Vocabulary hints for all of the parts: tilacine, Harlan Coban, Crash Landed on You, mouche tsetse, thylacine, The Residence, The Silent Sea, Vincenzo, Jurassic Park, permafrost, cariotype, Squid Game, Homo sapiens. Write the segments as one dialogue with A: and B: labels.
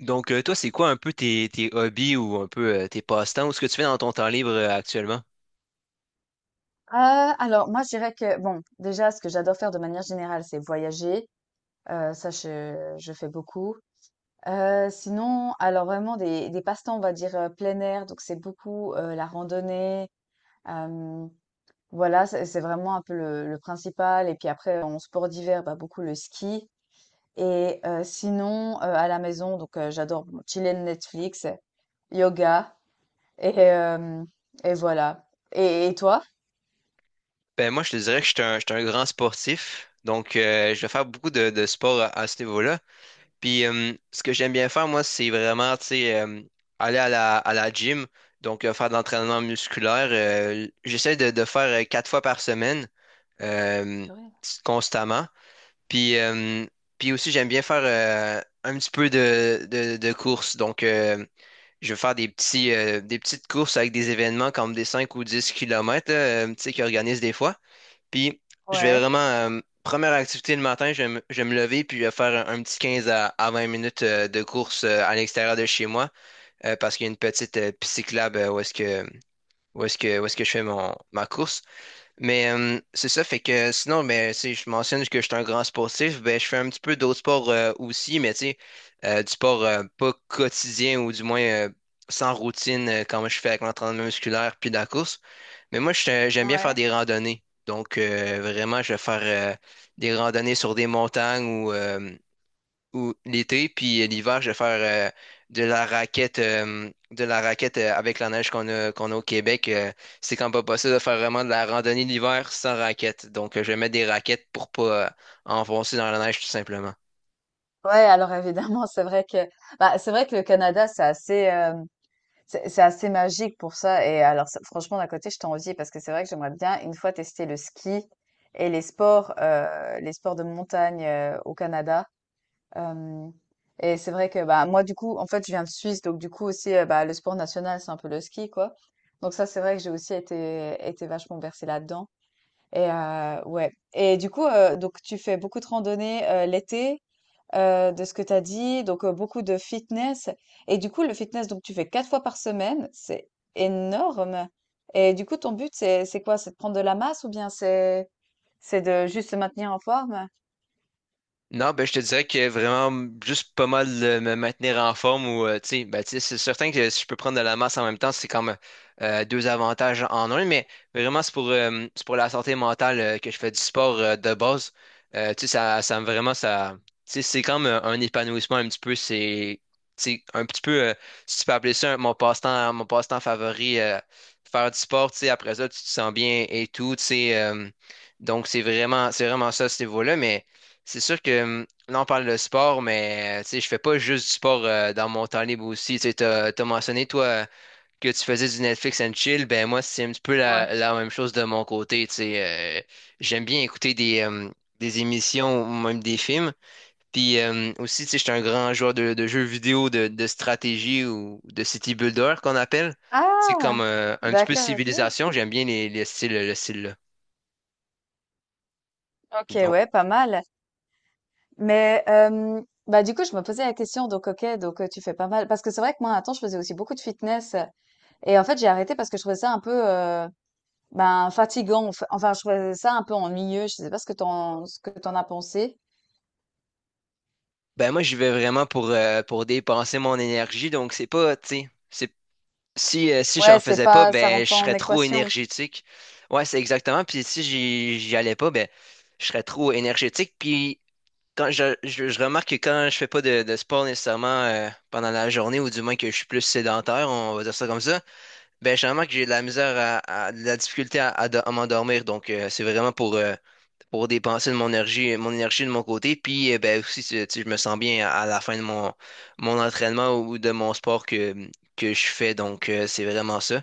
A: Donc, toi, c'est quoi un peu tes hobbies ou un peu, tes passe-temps ou ce que tu fais dans ton temps libre, actuellement?
B: Alors moi je dirais que bon, déjà ce que j'adore faire de manière générale, c'est voyager, ça je fais beaucoup. Sinon, alors vraiment des passe-temps, on va dire, plein air, donc c'est beaucoup, la randonnée, hem, voilà, c'est vraiment un peu le principal et puis après en sport d'hiver, bah, beaucoup le ski et sinon, à la maison, donc j'adore bon chiller Netflix, yoga et hem et voilà et toi?
A: Ben moi, je te dirais que je suis un grand sportif, donc, je vais faire beaucoup de sport à ce niveau-là. Puis, ce que j'aime bien faire, moi, c'est vraiment, tu sais, aller à la gym, donc, faire de l'entraînement musculaire. J'essaie de faire, quatre fois par semaine, euh,
B: Purée.
A: constamment. Puis, euh, puis, aussi, j'aime bien faire, un petit peu de course. Donc, je vais faire des petites courses avec des événements comme des 5 ou 10 kilomètres, là, tu sais, qu'ils organisent des fois. Puis, je vais
B: Ouais,
A: vraiment, première activité le matin, je vais me lever, puis je vais faire un petit 15 à 20 minutes, de course, à l'extérieur de chez moi, parce qu'il y a une petite, piste cyclable, où est-ce que, où est-ce que, où est-ce que je fais ma course. Mais, c'est ça, fait que sinon, mais, tu sais, je mentionne que je suis un grand sportif, ben, je fais un petit peu d'autres sports, aussi, mais tu sais, du sport, pas quotidien ou du moins, sans routine, comme je fais avec l'entraînement musculaire puis la course. Mais moi, j'aime bien faire
B: ouais.
A: des randonnées. Donc, vraiment, je vais faire, des randonnées sur des montagnes ou l'été, puis, l'hiver, je vais faire, de la raquette, avec la neige qu'on a au Québec. C'est quand même pas possible de faire vraiment de la randonnée l'hiver sans raquette. Donc, je vais mettre des raquettes pour pas, enfoncer dans la neige, tout simplement.
B: Ouais, alors évidemment, c'est vrai que bah, c'est vrai que le Canada, c'est assez c'est assez magique pour ça. Et alors, franchement, d'un côté, je t'envie parce que c'est vrai que j'aimerais bien une fois tester le ski et les sports de montagne au Canada. Euh, et c'est vrai que bah moi, du coup, en fait, je viens de Suisse, donc du coup aussi, bah, le sport national, c'est un peu le ski, quoi. Donc ça, c'est vrai que j'ai aussi été vachement bercée là-dedans. Et ouais. Et du coup, donc tu fais beaucoup de randonnées l'été, de ce que tu as dit, donc beaucoup de fitness. Et du coup, le fitness, donc tu fais 4 fois par semaine, c'est énorme. Et du coup, ton but, c'est quoi? C'est de prendre de la masse ou bien c'est de juste se maintenir en forme?
A: Non, ben, je te dirais que vraiment, juste pas mal, me maintenir en forme ou, tu sais, ben, tu sais, c'est certain que si je peux prendre de la masse en même temps, c'est comme, deux avantages en un, mais vraiment, c'est pour la santé mentale, que je fais du sport, de base. Tu sais, ça, vraiment, ça, tu sais, c'est comme, un épanouissement un petit peu, c'est, tu sais, un petit peu, si tu peux appeler ça mon passe-temps favori, faire du sport, tu sais, après ça, tu te sens bien et tout, tu sais, donc c'est vraiment ça, ce niveau-là, mais. C'est sûr que, là, on parle de sport, mais, tu sais, je fais pas juste du sport, dans mon temps libre aussi. Tu sais, t'as mentionné, toi, que tu faisais du Netflix and chill. Ben, moi, c'est un petit peu
B: Ouais.
A: la même chose de mon côté. Tu sais, j'aime bien écouter des émissions ou même des films. Puis, aussi, tu sais, j'étais un grand joueur de jeux vidéo de stratégie ou de city builder qu'on appelle. C'est
B: Ah,
A: comme, un petit peu
B: d'accord, ok.
A: civilisation. J'aime bien le style-là.
B: Ok, ouais, pas mal. Mais bah du coup, je me posais la question, donc ok, donc tu fais pas mal. Parce que c'est vrai que moi, un temps, je faisais aussi beaucoup de fitness. Et en fait, j'ai arrêté parce que je trouvais ça un peu, ben, fatigant, enfin, je trouvais ça un peu ennuyeux. Je sais pas ce que t'en, ce que t'en as pensé.
A: Ben moi, j'y vais vraiment pour dépenser mon énergie. Donc, c'est pas, tu sais, c'est, si j'en
B: Ouais, c'est
A: faisais pas,
B: pas, ça
A: ben,
B: rentre
A: je
B: pas en
A: serais trop
B: équation.
A: énergétique. Ouais, c'est exactement. Puis si j'y allais pas, ben, je serais trop énergétique. Puis quand je remarque que quand je fais pas de sport nécessairement, pendant la journée, ou du moins que je suis plus sédentaire, on va dire ça comme ça, ben, je remarque que j'ai de la misère de la difficulté à m'endormir. Donc, c'est vraiment pour dépenser de mon énergie de mon côté. Puis, ben, aussi, tu sais, je me sens bien à la fin de mon entraînement ou de mon sport que je fais. Donc, c'est vraiment ça.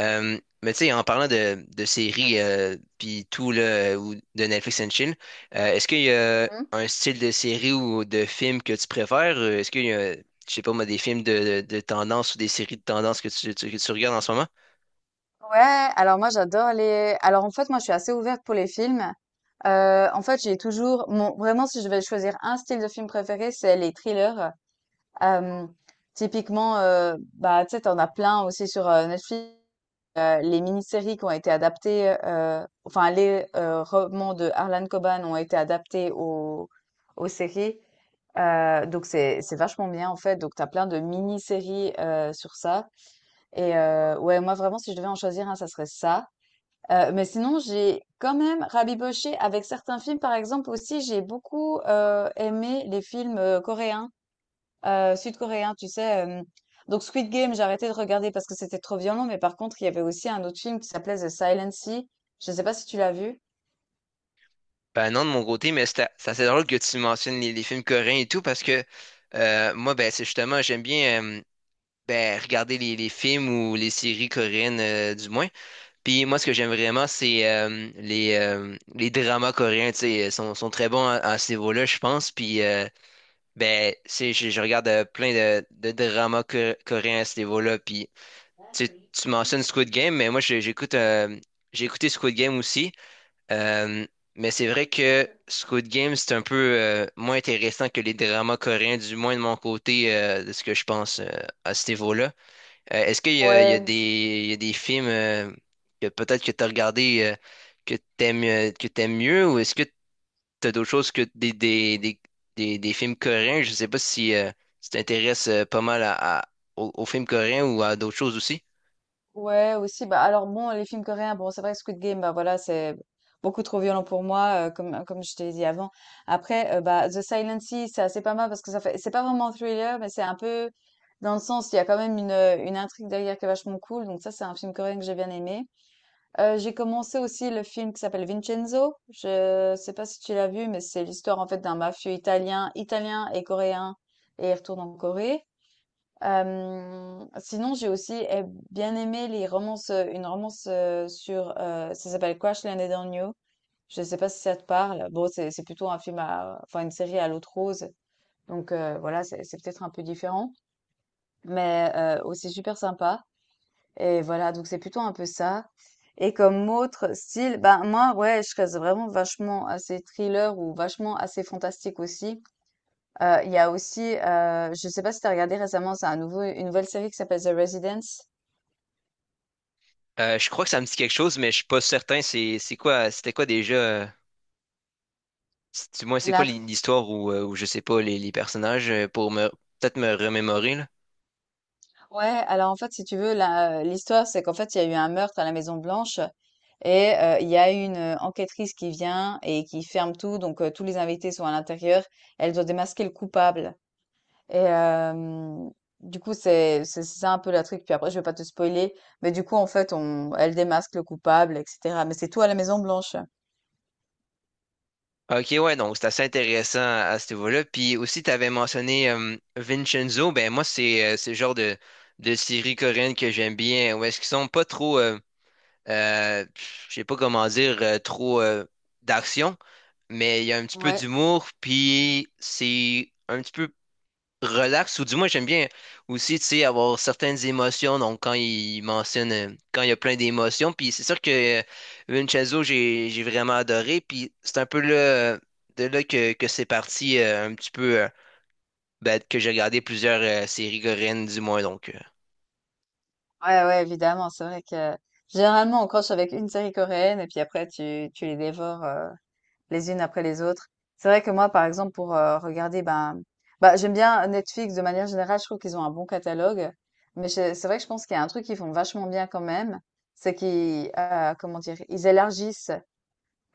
A: Mais tu sais, en parlant de séries, puis tout, là, ou de Netflix and Chill, est-ce qu'il y a
B: Mhm.
A: un style de série ou de film que tu préfères? Est-ce qu'il y a, je sais pas moi, des films de tendance ou des séries de tendance que tu regardes en ce moment?
B: Ouais, alors moi, alors en fait, moi, je suis assez ouverte pour les films. En fait, j'ai toujours, mon, vraiment, si je vais choisir un style de film préféré, c'est les thrillers. Euh, Typiquement, bah, tu sais, t'en as plein aussi sur Netflix. Les mini-séries qui ont été adaptées, enfin, les romans de Harlan Coban ont été adaptés aux séries. Donc c'est vachement bien en fait. Donc t'as plein de mini-séries sur ça. Et ouais, moi vraiment si je devais en choisir un, ça serait ça. Mais sinon j'ai quand même rabiboché avec certains films par exemple aussi. J'ai beaucoup aimé les films coréens, sud-coréen, tu sais. Donc Squid Game, j'ai arrêté de regarder parce que c'était trop violent, mais par contre, il y avait aussi un autre film qui s'appelait The Silent Sea. Je ne sais pas si tu l'as vu.
A: Ben non, de mon côté, mais c'est assez drôle que tu mentionnes les films coréens et tout, parce que, moi, ben, c'est justement, j'aime bien, ben, regarder les films ou les séries coréennes, du moins. Puis moi, ce que j'aime vraiment, c'est, les dramas coréens, tu sais, ils sont très bons à ce niveau-là, je pense. Puis, ben, c'est, je regarde, plein de dramas coréens à ce niveau-là. Puis tu, sais, tu mentionnes Squid Game, mais moi, j'ai écouté Squid Game aussi. Euh, mais c'est vrai que Squid Game, c'est un peu, moins intéressant que les dramas coréens, du moins de mon côté, de ce que je pense, à ce niveau-là. Est-ce qu'il y a, il y a
B: Ouais, c'est-
A: des, il y a des films, que peut-être que tu as regardé, que t'aimes mieux ou est-ce que tu as d'autres choses que des films coréens? Je sais pas si, tu t'intéresses, pas mal aux films coréens ou à d'autres choses aussi.
B: Ouais, aussi. Bah, alors bon, les films coréens, bon, c'est vrai que Squid Game, bah voilà, c'est beaucoup trop violent pour moi, comme je t'ai dit avant. Après, bah, The Silent Sea, c'est assez pas mal parce que ça fait, c'est pas vraiment un thriller, mais c'est un peu dans le sens, il y a quand même une intrigue derrière qui est vachement cool. Donc ça, c'est un film coréen que j'ai bien aimé. J'ai commencé aussi le film qui s'appelle Vincenzo. Je sais pas si tu l'as vu, mais c'est l'histoire en fait d'un mafieux italien, italien et coréen, et il retourne en Corée. Sinon, j'ai aussi bien aimé les romances, une romance sur, ça s'appelle Crash Landed on You. Je sais pas si ça te parle. Bon, c'est plutôt un film à, enfin une série à l'autre rose. Donc voilà, c'est peut-être un peu différent, mais aussi super sympa. Et voilà, donc c'est plutôt un peu ça. Et comme autre style, ben moi, ouais, je reste vraiment vachement assez thriller ou vachement assez fantastique aussi. Il y a aussi, je sais pas si t'as regardé récemment, c'est un nouveau, une nouvelle série qui s'appelle The Residence.
A: Je crois que ça me dit quelque chose, mais je suis pas certain. C'est quoi, c'était quoi déjà? Du moins, c'est quoi l'histoire ou je sais pas les personnages, pour me peut-être me remémorer là.
B: Ouais, alors en fait, si tu veux, l'histoire, c'est qu'en fait, il y a eu un meurtre à la Maison Blanche et il y a une enquêtrice qui vient et qui ferme tout. Donc, tous les invités sont à l'intérieur. Elle doit démasquer le coupable. Et du coup, c'est ça un peu la truc. Puis après, je vais pas te spoiler, mais du coup, en fait, on elle démasque le coupable et cetera. Mais c'est tout à la Maison Blanche.
A: Ok, ouais, donc c'est assez intéressant à ce niveau-là. Puis aussi, tu avais mentionné, Vincenzo. Ben moi, c'est le genre de série coréenne que j'aime bien. Où est-ce qu'ils sont pas trop, je sais pas comment dire, trop, d'action, mais il y a un petit peu
B: Ouais.
A: d'humour. Puis c'est un petit peu relax, ou du moins j'aime bien aussi, tu sais, avoir certaines émotions, donc quand il y a plein d'émotions, puis c'est sûr que, Vincenzo, j'ai vraiment adoré, puis c'est un peu là, de là que c'est parti, un petit peu, ben, que j'ai regardé plusieurs, séries coréennes du moins, donc...
B: Ouais, ouais, évidemment. C'est vrai que généralement, on croche avec une série coréenne et puis après tu les dévores, les unes après les autres. C'est vrai que moi, par exemple, pour regarder, ben, bah, j'aime bien Netflix de manière générale. Je trouve qu'ils ont un bon catalogue, mais c'est vrai que je pense qu'il y a un truc qu'ils font vachement bien quand même, c'est qu'ils, comment dire, ils élargissent.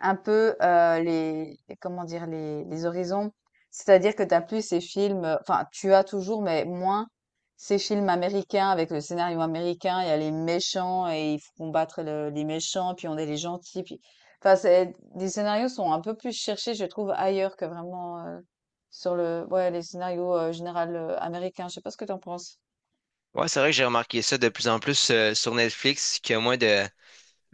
B: Un peu, comment dire? Les horizons. C'est-à-dire que t'as plus ces films, enfin, tu as toujours, mais moins ces films américains avec le scénario américain. Il y a les méchants et il faut combattre le les méchants, puis on est les gentils, puis enfin, c'est les scénarios sont un peu plus cherchés, je trouve, ailleurs que vraiment, sur le ouais, les scénarios, général, américains. Je sais pas ce que t'en penses?
A: Ouais, c'est vrai que j'ai remarqué ça de plus en plus, sur Netflix, qu'il y a moins de,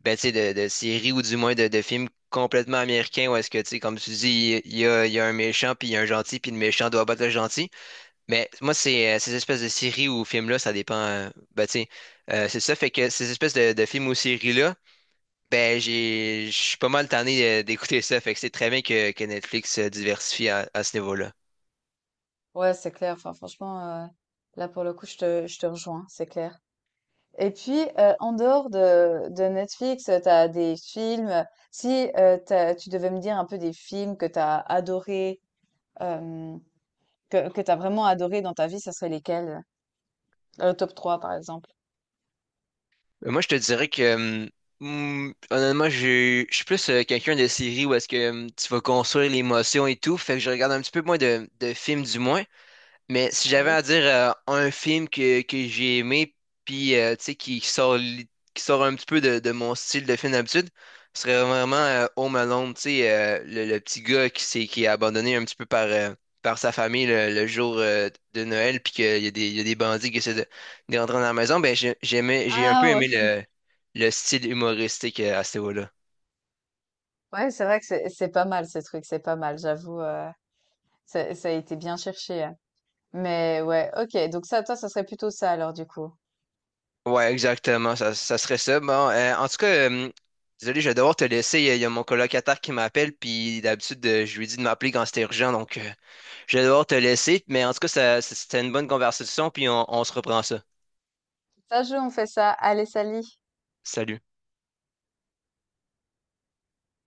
A: ben, tu sais, de séries ou du moins de films complètement américains où est-ce que, tu sais, comme tu dis, il y a un méchant, puis il y a un gentil, puis le méchant doit battre le gentil. Mais moi, c'est, ces espèces de séries ou films-là, ça dépend. Ben, tu sais, c'est ça, fait que ces espèces de films ou séries-là, ben, je suis pas mal tanné, d'écouter ça, fait que c'est très bien que Netflix se diversifie à ce niveau-là.
B: Ouais, c'est clair. Enfin, franchement, heu, là, pour le coup, je te rejoins, c'est clair. Et puis, en dehors de Netflix, tu as des films si, tu devais me dire un peu des films que tu as adorés, hem, que tu as vraiment adoré dans ta vie, ça serait lesquels? Le top trois par exemple.
A: Moi, je te dirais que, honnêtement, je suis plus, quelqu'un de série où est-ce que, tu vas construire l'émotion et tout, fait que je regarde un petit peu moins de films du moins. Mais si j'avais
B: Mmh.
A: à dire, un film que j'ai aimé, puis, tu sais, qui sort un petit peu de mon style de film d'habitude, ce serait vraiment, Home Alone, tu sais, le petit gars qui est abandonné un petit peu par sa famille le jour, de Noël, puis qu'il y a des, il y a des bandits qui essaient de rentrer dans la maison. Ben, j'ai un peu
B: Ah
A: aimé
B: ouais!
A: le style humoristique, à ce niveau-là.
B: Ouais, c'est vrai que c'est pas mal ce truc, c'est pas mal, j'avoue, ça a été bien cherché, hein. Mais ouais, OK, donc ça, toi, ça serait plutôt ça alors du coup.
A: Ouais, exactement, ça serait ça. Bon, en tout cas, désolé, je vais devoir te laisser. Il y a mon colocataire qui m'appelle, puis d'habitude, je lui dis de m'appeler quand c'est urgent, donc, je vais devoir te laisser. Mais en tout cas, ça, c'était une bonne conversation, puis on se reprend ça.
B: Ça joue, on fait ça. Allez, salut!
A: Salut.